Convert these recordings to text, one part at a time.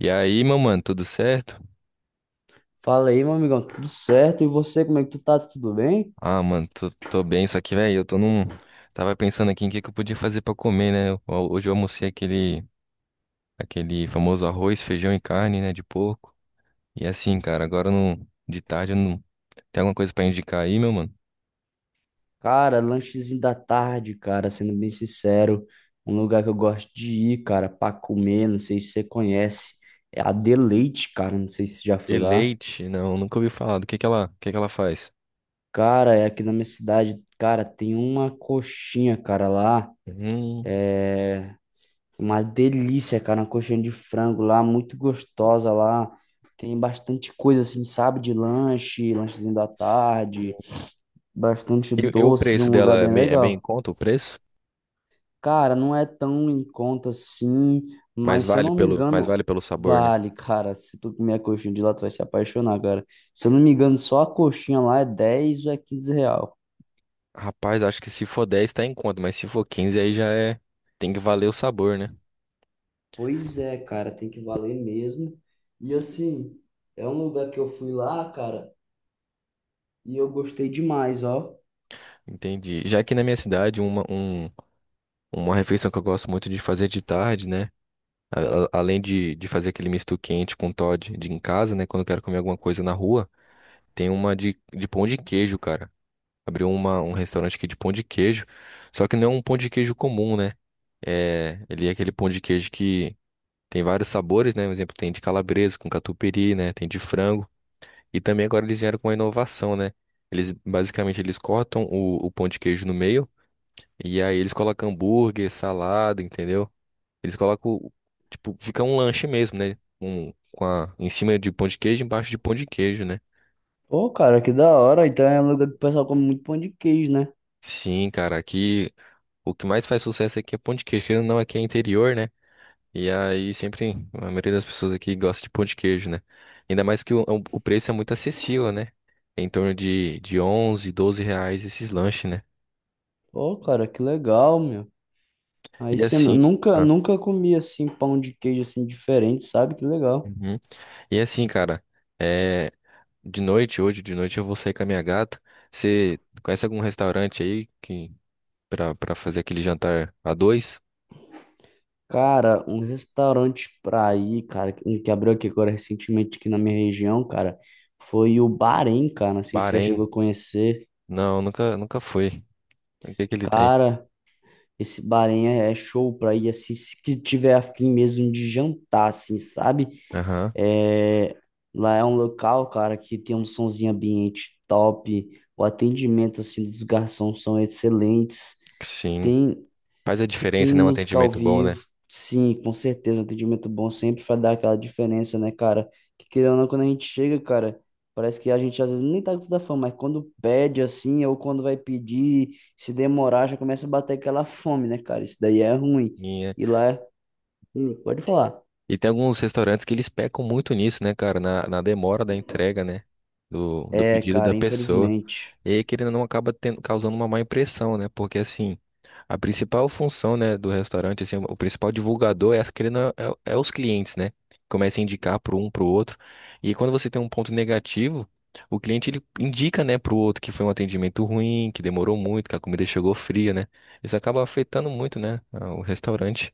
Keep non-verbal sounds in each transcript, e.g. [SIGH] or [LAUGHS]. E aí, meu mano, tudo certo? Fala aí, meu amigão, tudo certo? E você, como é que tu tá? Tudo bem? Ah, mano, tô bem, só que, velho, eu tô num. Tava pensando aqui em que eu podia fazer pra comer, né? Hoje eu almocei aquele famoso arroz, feijão e carne, né, de porco. E assim, cara, agora não, de tarde eu não. Tem alguma coisa pra indicar aí, meu mano? Cara, lanchezinho da tarde, cara, sendo bem sincero, um lugar que eu gosto de ir, cara, pra comer, não sei se você conhece, é a Deleite, cara, não sei se você já foi lá. Eleite? Não, nunca ouvi falar. Do que ela faz? Cara, é aqui na minha cidade, cara, tem uma coxinha, cara, lá, Hum. é uma delícia, cara, uma coxinha de frango lá, muito gostosa lá, tem bastante coisa assim, sabe, de lanche, lanchezinho da tarde, bastante E o doces, preço um dela lugar é bem bem, é bem em legal. conta, o preço? Cara, não é tão em conta assim, Mas mas se eu vale não me pelo, mas engano, vale pelo sabor, né? vale, cara. Se tu comer a coxinha de lá, tu vai se apaixonar, cara. Se eu não me engano, só a coxinha lá é 10 ou é 15 real. Rapaz, acho que se for 10 tá em conta, mas se for 15 aí já é. Tem que valer o sabor, né? Pois é, cara, tem que valer mesmo. E assim, é um lugar que eu fui lá, cara, e eu gostei demais, ó. Entendi. Já aqui na minha cidade, uma refeição que eu gosto muito de fazer de tarde, né? Além de fazer aquele misto quente com Toddy de em casa, né? Quando eu quero comer alguma coisa na rua, tem uma de pão de queijo, cara. Abriu um restaurante aqui de pão de queijo. Só que não é um pão de queijo comum, né? Ele é aquele pão de queijo que tem vários sabores, né? Por exemplo, tem de calabresa com catupiry, né? Tem de frango. E também agora eles vieram com uma inovação, né? Eles basicamente eles cortam o pão de queijo no meio e aí eles colocam hambúrguer, salada, entendeu? Eles colocam, o- tipo, fica um lanche mesmo, né? Com a, em cima de pão de queijo, embaixo de pão de queijo, né? Pô, cara, que da hora. Então é um lugar que o pessoal come muito pão de queijo, né? Sim, cara, aqui o que mais faz sucesso aqui é pão de queijo, querendo ou não, aqui é interior, né? E aí sempre a maioria das pessoas aqui gosta de pão de queijo, né? Ainda mais que o preço é muito acessível, né? Em torno de 11, 12 reais esses lanches, né? Pô, cara, que legal, meu. Aí E você assim, nunca, ah, nunca comi assim pão de queijo assim diferente, sabe? Que legal. uhum. E assim, cara, é, de noite, hoje de noite eu vou sair com a minha gata. Você conhece algum restaurante aí que para fazer aquele jantar a dois? Cara, um restaurante pra ir, cara, um que abriu aqui agora recentemente aqui na minha região, cara, foi o Bahrein, cara. Não sei se você já chegou Bahrein? a conhecer. Não, nunca foi. O que que ele tem? Cara, esse Bahrein é show pra ir assim, se que tiver afim mesmo de jantar, assim, sabe? Aham. É, lá é um local, cara, que tem um sonzinho ambiente top. O atendimento assim dos garçons são excelentes. Sim. Tem Faz a Tem diferença, né? Um música ao atendimento bom, né? vivo, sim, com certeza. Um atendimento bom sempre vai dar aquela diferença, né, cara? Que querendo ou não, quando a gente chega, cara, parece que a gente às vezes nem tá com tanta fome, mas quando pede assim, ou quando vai pedir, se demorar, já começa a bater aquela fome, né, cara? Isso daí é ruim. E lá, pode falar. E tem alguns restaurantes que eles pecam muito nisso, né, cara? Na demora da entrega, né? Do É, pedido da cara, pessoa. infelizmente. E aí, querendo ou não, acaba tendo, causando uma má impressão, né? Porque, assim, a principal função, né, do restaurante, assim, o principal divulgador é, querendo, ou não, é os clientes, né? Começa a indicar para um, para o outro. E quando você tem um ponto negativo, o cliente, ele indica, né, para o outro que foi um atendimento ruim, que demorou muito, que a comida chegou fria, né? Isso acaba afetando muito, né, o restaurante.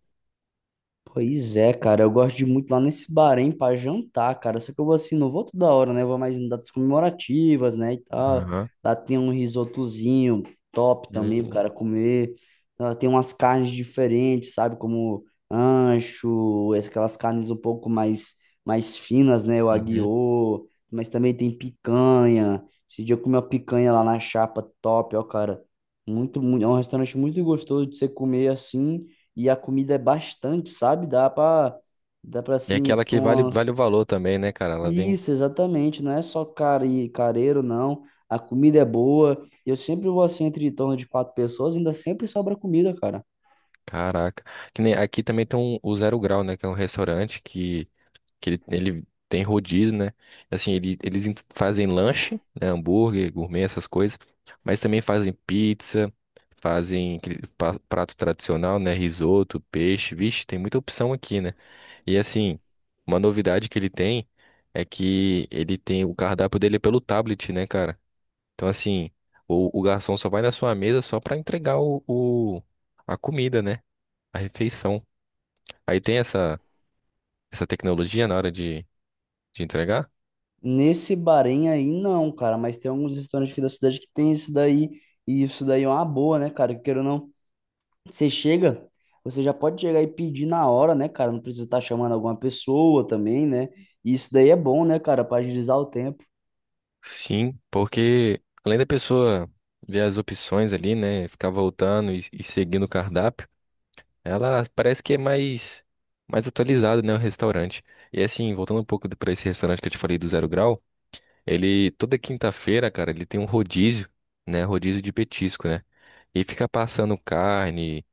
Pois é, cara, eu gosto de ir muito lá nesse Bahrein pra jantar, cara. Só que eu vou assim, não vou toda hora, né? Eu vou mais em datas comemorativas, né, e tal. Aham. Lá tem um risotozinho top também, pro Hum, cara comer. Lá tem umas carnes diferentes, sabe? Como ancho, aquelas carnes um pouco mais, mais finas, né? O uhum. aguiô, mas também tem picanha. Esse dia eu comi uma picanha lá na chapa top, ó, cara. Muito, muito, é um restaurante muito gostoso de você comer assim. E a comida é bastante, sabe? Dá pra E assim, aquela pra que vale, uma... vale o valor também, né, cara? Ela vem. Isso, exatamente. Não é só careiro, não. A comida é boa. Eu sempre vou assim, entre em torno de quatro pessoas, ainda sempre sobra comida, cara. Caraca. Que nem- aqui também tem um, o Zero Grau, né? Que é um restaurante que ele tem rodízio, né? Assim, fazem lanche, né? Hambúrguer, gourmet, essas coisas. Mas também fazem pizza, fazem aquele prato tradicional, né? Risoto, peixe. Vixe, tem muita opção aqui, né? E assim, uma novidade que ele tem é que ele tem o cardápio dele é pelo tablet, né, cara? Então, assim, o garçom só vai na sua mesa só pra entregar a comida, né? A refeição. Aí tem essa tecnologia na hora de entregar? Nesse Bahrein aí, não, cara. Mas tem alguns restaurantes aqui da cidade que tem isso daí. E isso daí é uma boa, né, cara? Queira ou não, você chega, você já pode chegar e pedir na hora, né, cara? Não precisa estar chamando alguma pessoa também, né? E isso daí é bom, né, cara? Pra agilizar o tempo. Sim, porque além da pessoa ver as opções ali, né? Ficar voltando e seguindo o cardápio, ela parece que é mais atualizada, né? O restaurante. E assim, voltando um pouco para esse restaurante que eu te falei do Zero Grau, ele toda quinta-feira, cara, ele tem um rodízio, né? Rodízio de petisco, né? E fica passando carne.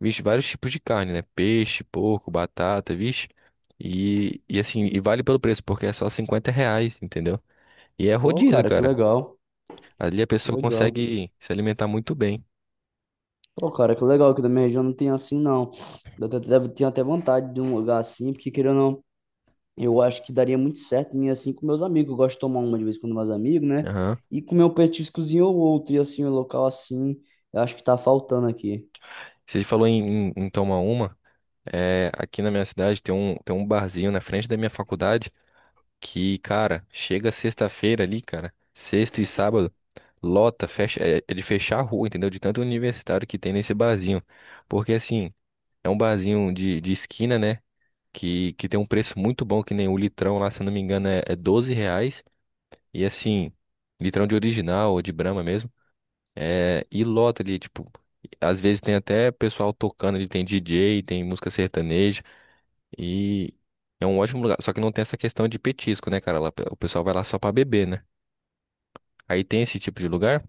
Vixe, vários tipos de carne, né? Peixe, porco, batata, vixe. E assim, e vale pelo preço, porque é só 50 reais, entendeu? E é Pô, rodízio, cara, que cara. legal. Ali a Que pessoa legal. consegue se alimentar muito bem. Pô, cara, que legal que da minha região não tem assim, não. Tenho até vontade de um lugar assim, porque querendo ou não, eu acho que daria muito certo em ir assim com meus amigos. Eu gosto de tomar uma de vez com meus amigos, né? Aham. E comer um petiscozinho ou outro, e assim, um local assim, eu acho que tá faltando aqui. Você falou em tomar uma. Aqui na minha cidade tem um, barzinho na frente da minha faculdade que, cara, chega sexta-feira ali, cara. Sexta e sábado, lota, fecha, é de fechar a rua, entendeu? De tanto universitário que tem nesse barzinho. Porque assim. É um barzinho de esquina, né? Que que, tem um preço muito bom, que nem o litrão lá, se eu não me engano, é 12 reais. E assim, litrão de original ou de Brahma mesmo. E lota ali, tipo, às vezes tem até pessoal tocando ali, tem DJ, tem música sertaneja. E é um ótimo lugar. Só que não tem essa questão de petisco, né, cara? Lá, o pessoal vai lá só pra beber, né? Aí tem esse tipo de lugar?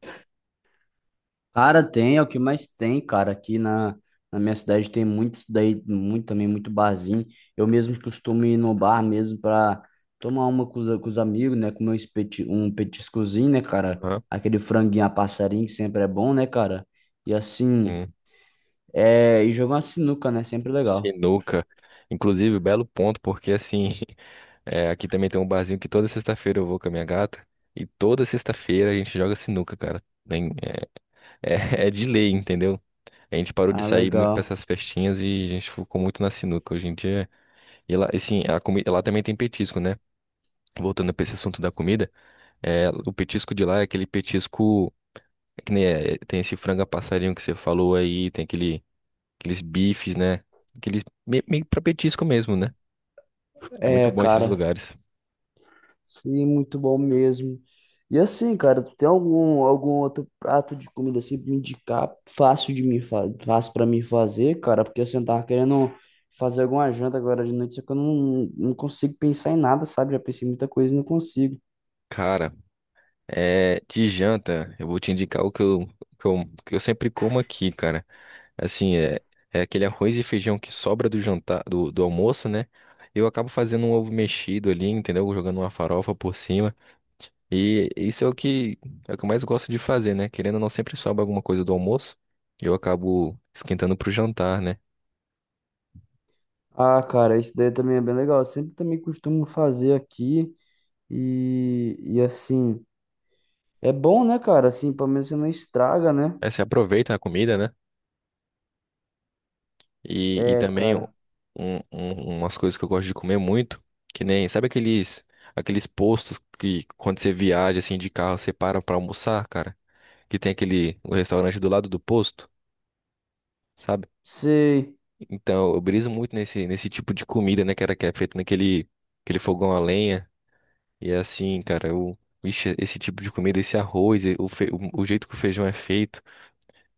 Cara, tem, é o que mais tem, cara. Na minha cidade tem muitos daí, muito também, muito barzinho. Eu mesmo costumo ir no bar mesmo pra tomar uma com os amigos, né? Comer um petiscozinho, né, cara? Aham. Aquele franguinho a passarinho que sempre é bom, né, cara? E assim, é, e jogar uma sinuca, né? Sempre legal. Sinuca. Inclusive, belo ponto, porque assim, [LAUGHS] aqui também tem um barzinho que toda sexta-feira eu vou com a minha gata. E toda sexta-feira a gente joga sinuca, cara. É, [LAUGHS] é de lei, entendeu? A gente parou de Ah, sair muito pra legal. essas festinhas e a gente ficou muito na sinuca hoje em dia. E lá, assim, a comida, lá também tem petisco, né? Voltando pra esse assunto da comida, o petisco de lá é aquele petisco é que nem tem esse frango a passarinho que você falou aí, tem aquele, aqueles bifes, né? Aqueles meio pra petisco mesmo, né? É muito É, bom esses cara. lugares. Sim, muito bom mesmo. E assim, cara, tu tem algum outro prato de comida assim pra me indicar, fácil de me fa fácil para mim fazer, cara, porque assim, eu tava querendo fazer alguma janta agora de noite, só que eu não, não consigo pensar em nada, sabe? Já pensei em muita coisa e não consigo. Cara, de janta, eu vou te indicar o que eu, sempre como aqui, cara. Assim, é aquele arroz e feijão que sobra do jantar, do almoço, né? Eu acabo fazendo um ovo mexido ali, entendeu? Jogando uma farofa por cima. E isso é o que eu mais gosto de fazer, né? Querendo ou não, sempre sobra alguma coisa do almoço. E Eu acabo esquentando pro jantar, né? Ah, cara, isso daí também é bem legal. Eu sempre também costumo fazer aqui e assim, é bom, né, cara? Assim, pelo menos você não estraga, né? Aí você aproveita a comida, né? E É, também cara. Umas coisas que eu gosto de comer muito, que nem, sabe aqueles postos que quando você viaja assim de carro, você para pra almoçar, cara, que tem aquele o restaurante do lado do posto, sabe? Sei. Então, eu briso muito nesse tipo de comida, né, cara, que é feito naquele aquele fogão a lenha. E é assim, cara, eu. Vixe, esse tipo de comida, esse arroz, e o jeito que o feijão é feito.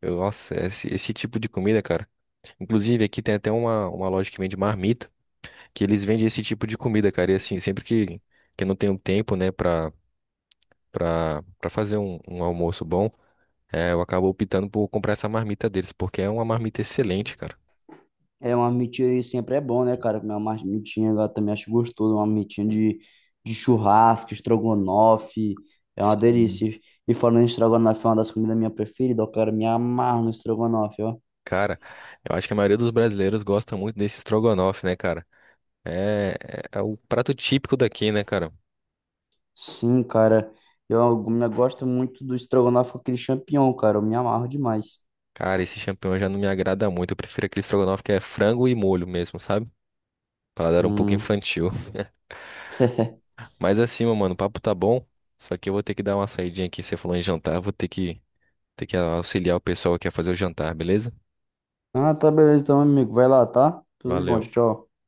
Eu, nossa, esse tipo de comida, cara. Inclusive, aqui tem até uma loja que vende marmita. Que eles vendem esse tipo de comida, cara. E assim, sempre que eu não tenho tempo, né, pra, fazer um almoço bom, eu acabo optando por comprar essa marmita deles, porque é uma marmita excelente, cara. É, uma mitinha sempre é bom, né, cara? Comer uma mitinha, eu também acho gostoso, uma mitinha de churrasco, estrogonofe, é uma Sim. delícia. E falando em estrogonofe, é uma das comidas minha preferida, ó, cara, me amarro no estrogonofe, ó. Cara, eu acho que a maioria dos brasileiros gosta muito desse estrogonofe, né, cara? É o prato típico daqui, né, cara? Sim, cara, eu gosto muito do estrogonofe com aquele champignon, cara, eu me amarro demais. Cara, esse champignon já não me agrada muito. Eu prefiro aquele estrogonofe que é frango e molho mesmo, sabe? Paladar um pouco Hum. infantil. [LAUGHS] Mas assim, meu mano, o papo tá bom. Só que eu vou ter que dar uma saidinha aqui. Você falou em jantar, eu vou ter que auxiliar o pessoal que quer fazer o jantar, beleza? Ah, tá, beleza, então, amigo, vai lá, tá? Tudo de bom, Valeu. tchau, tchau.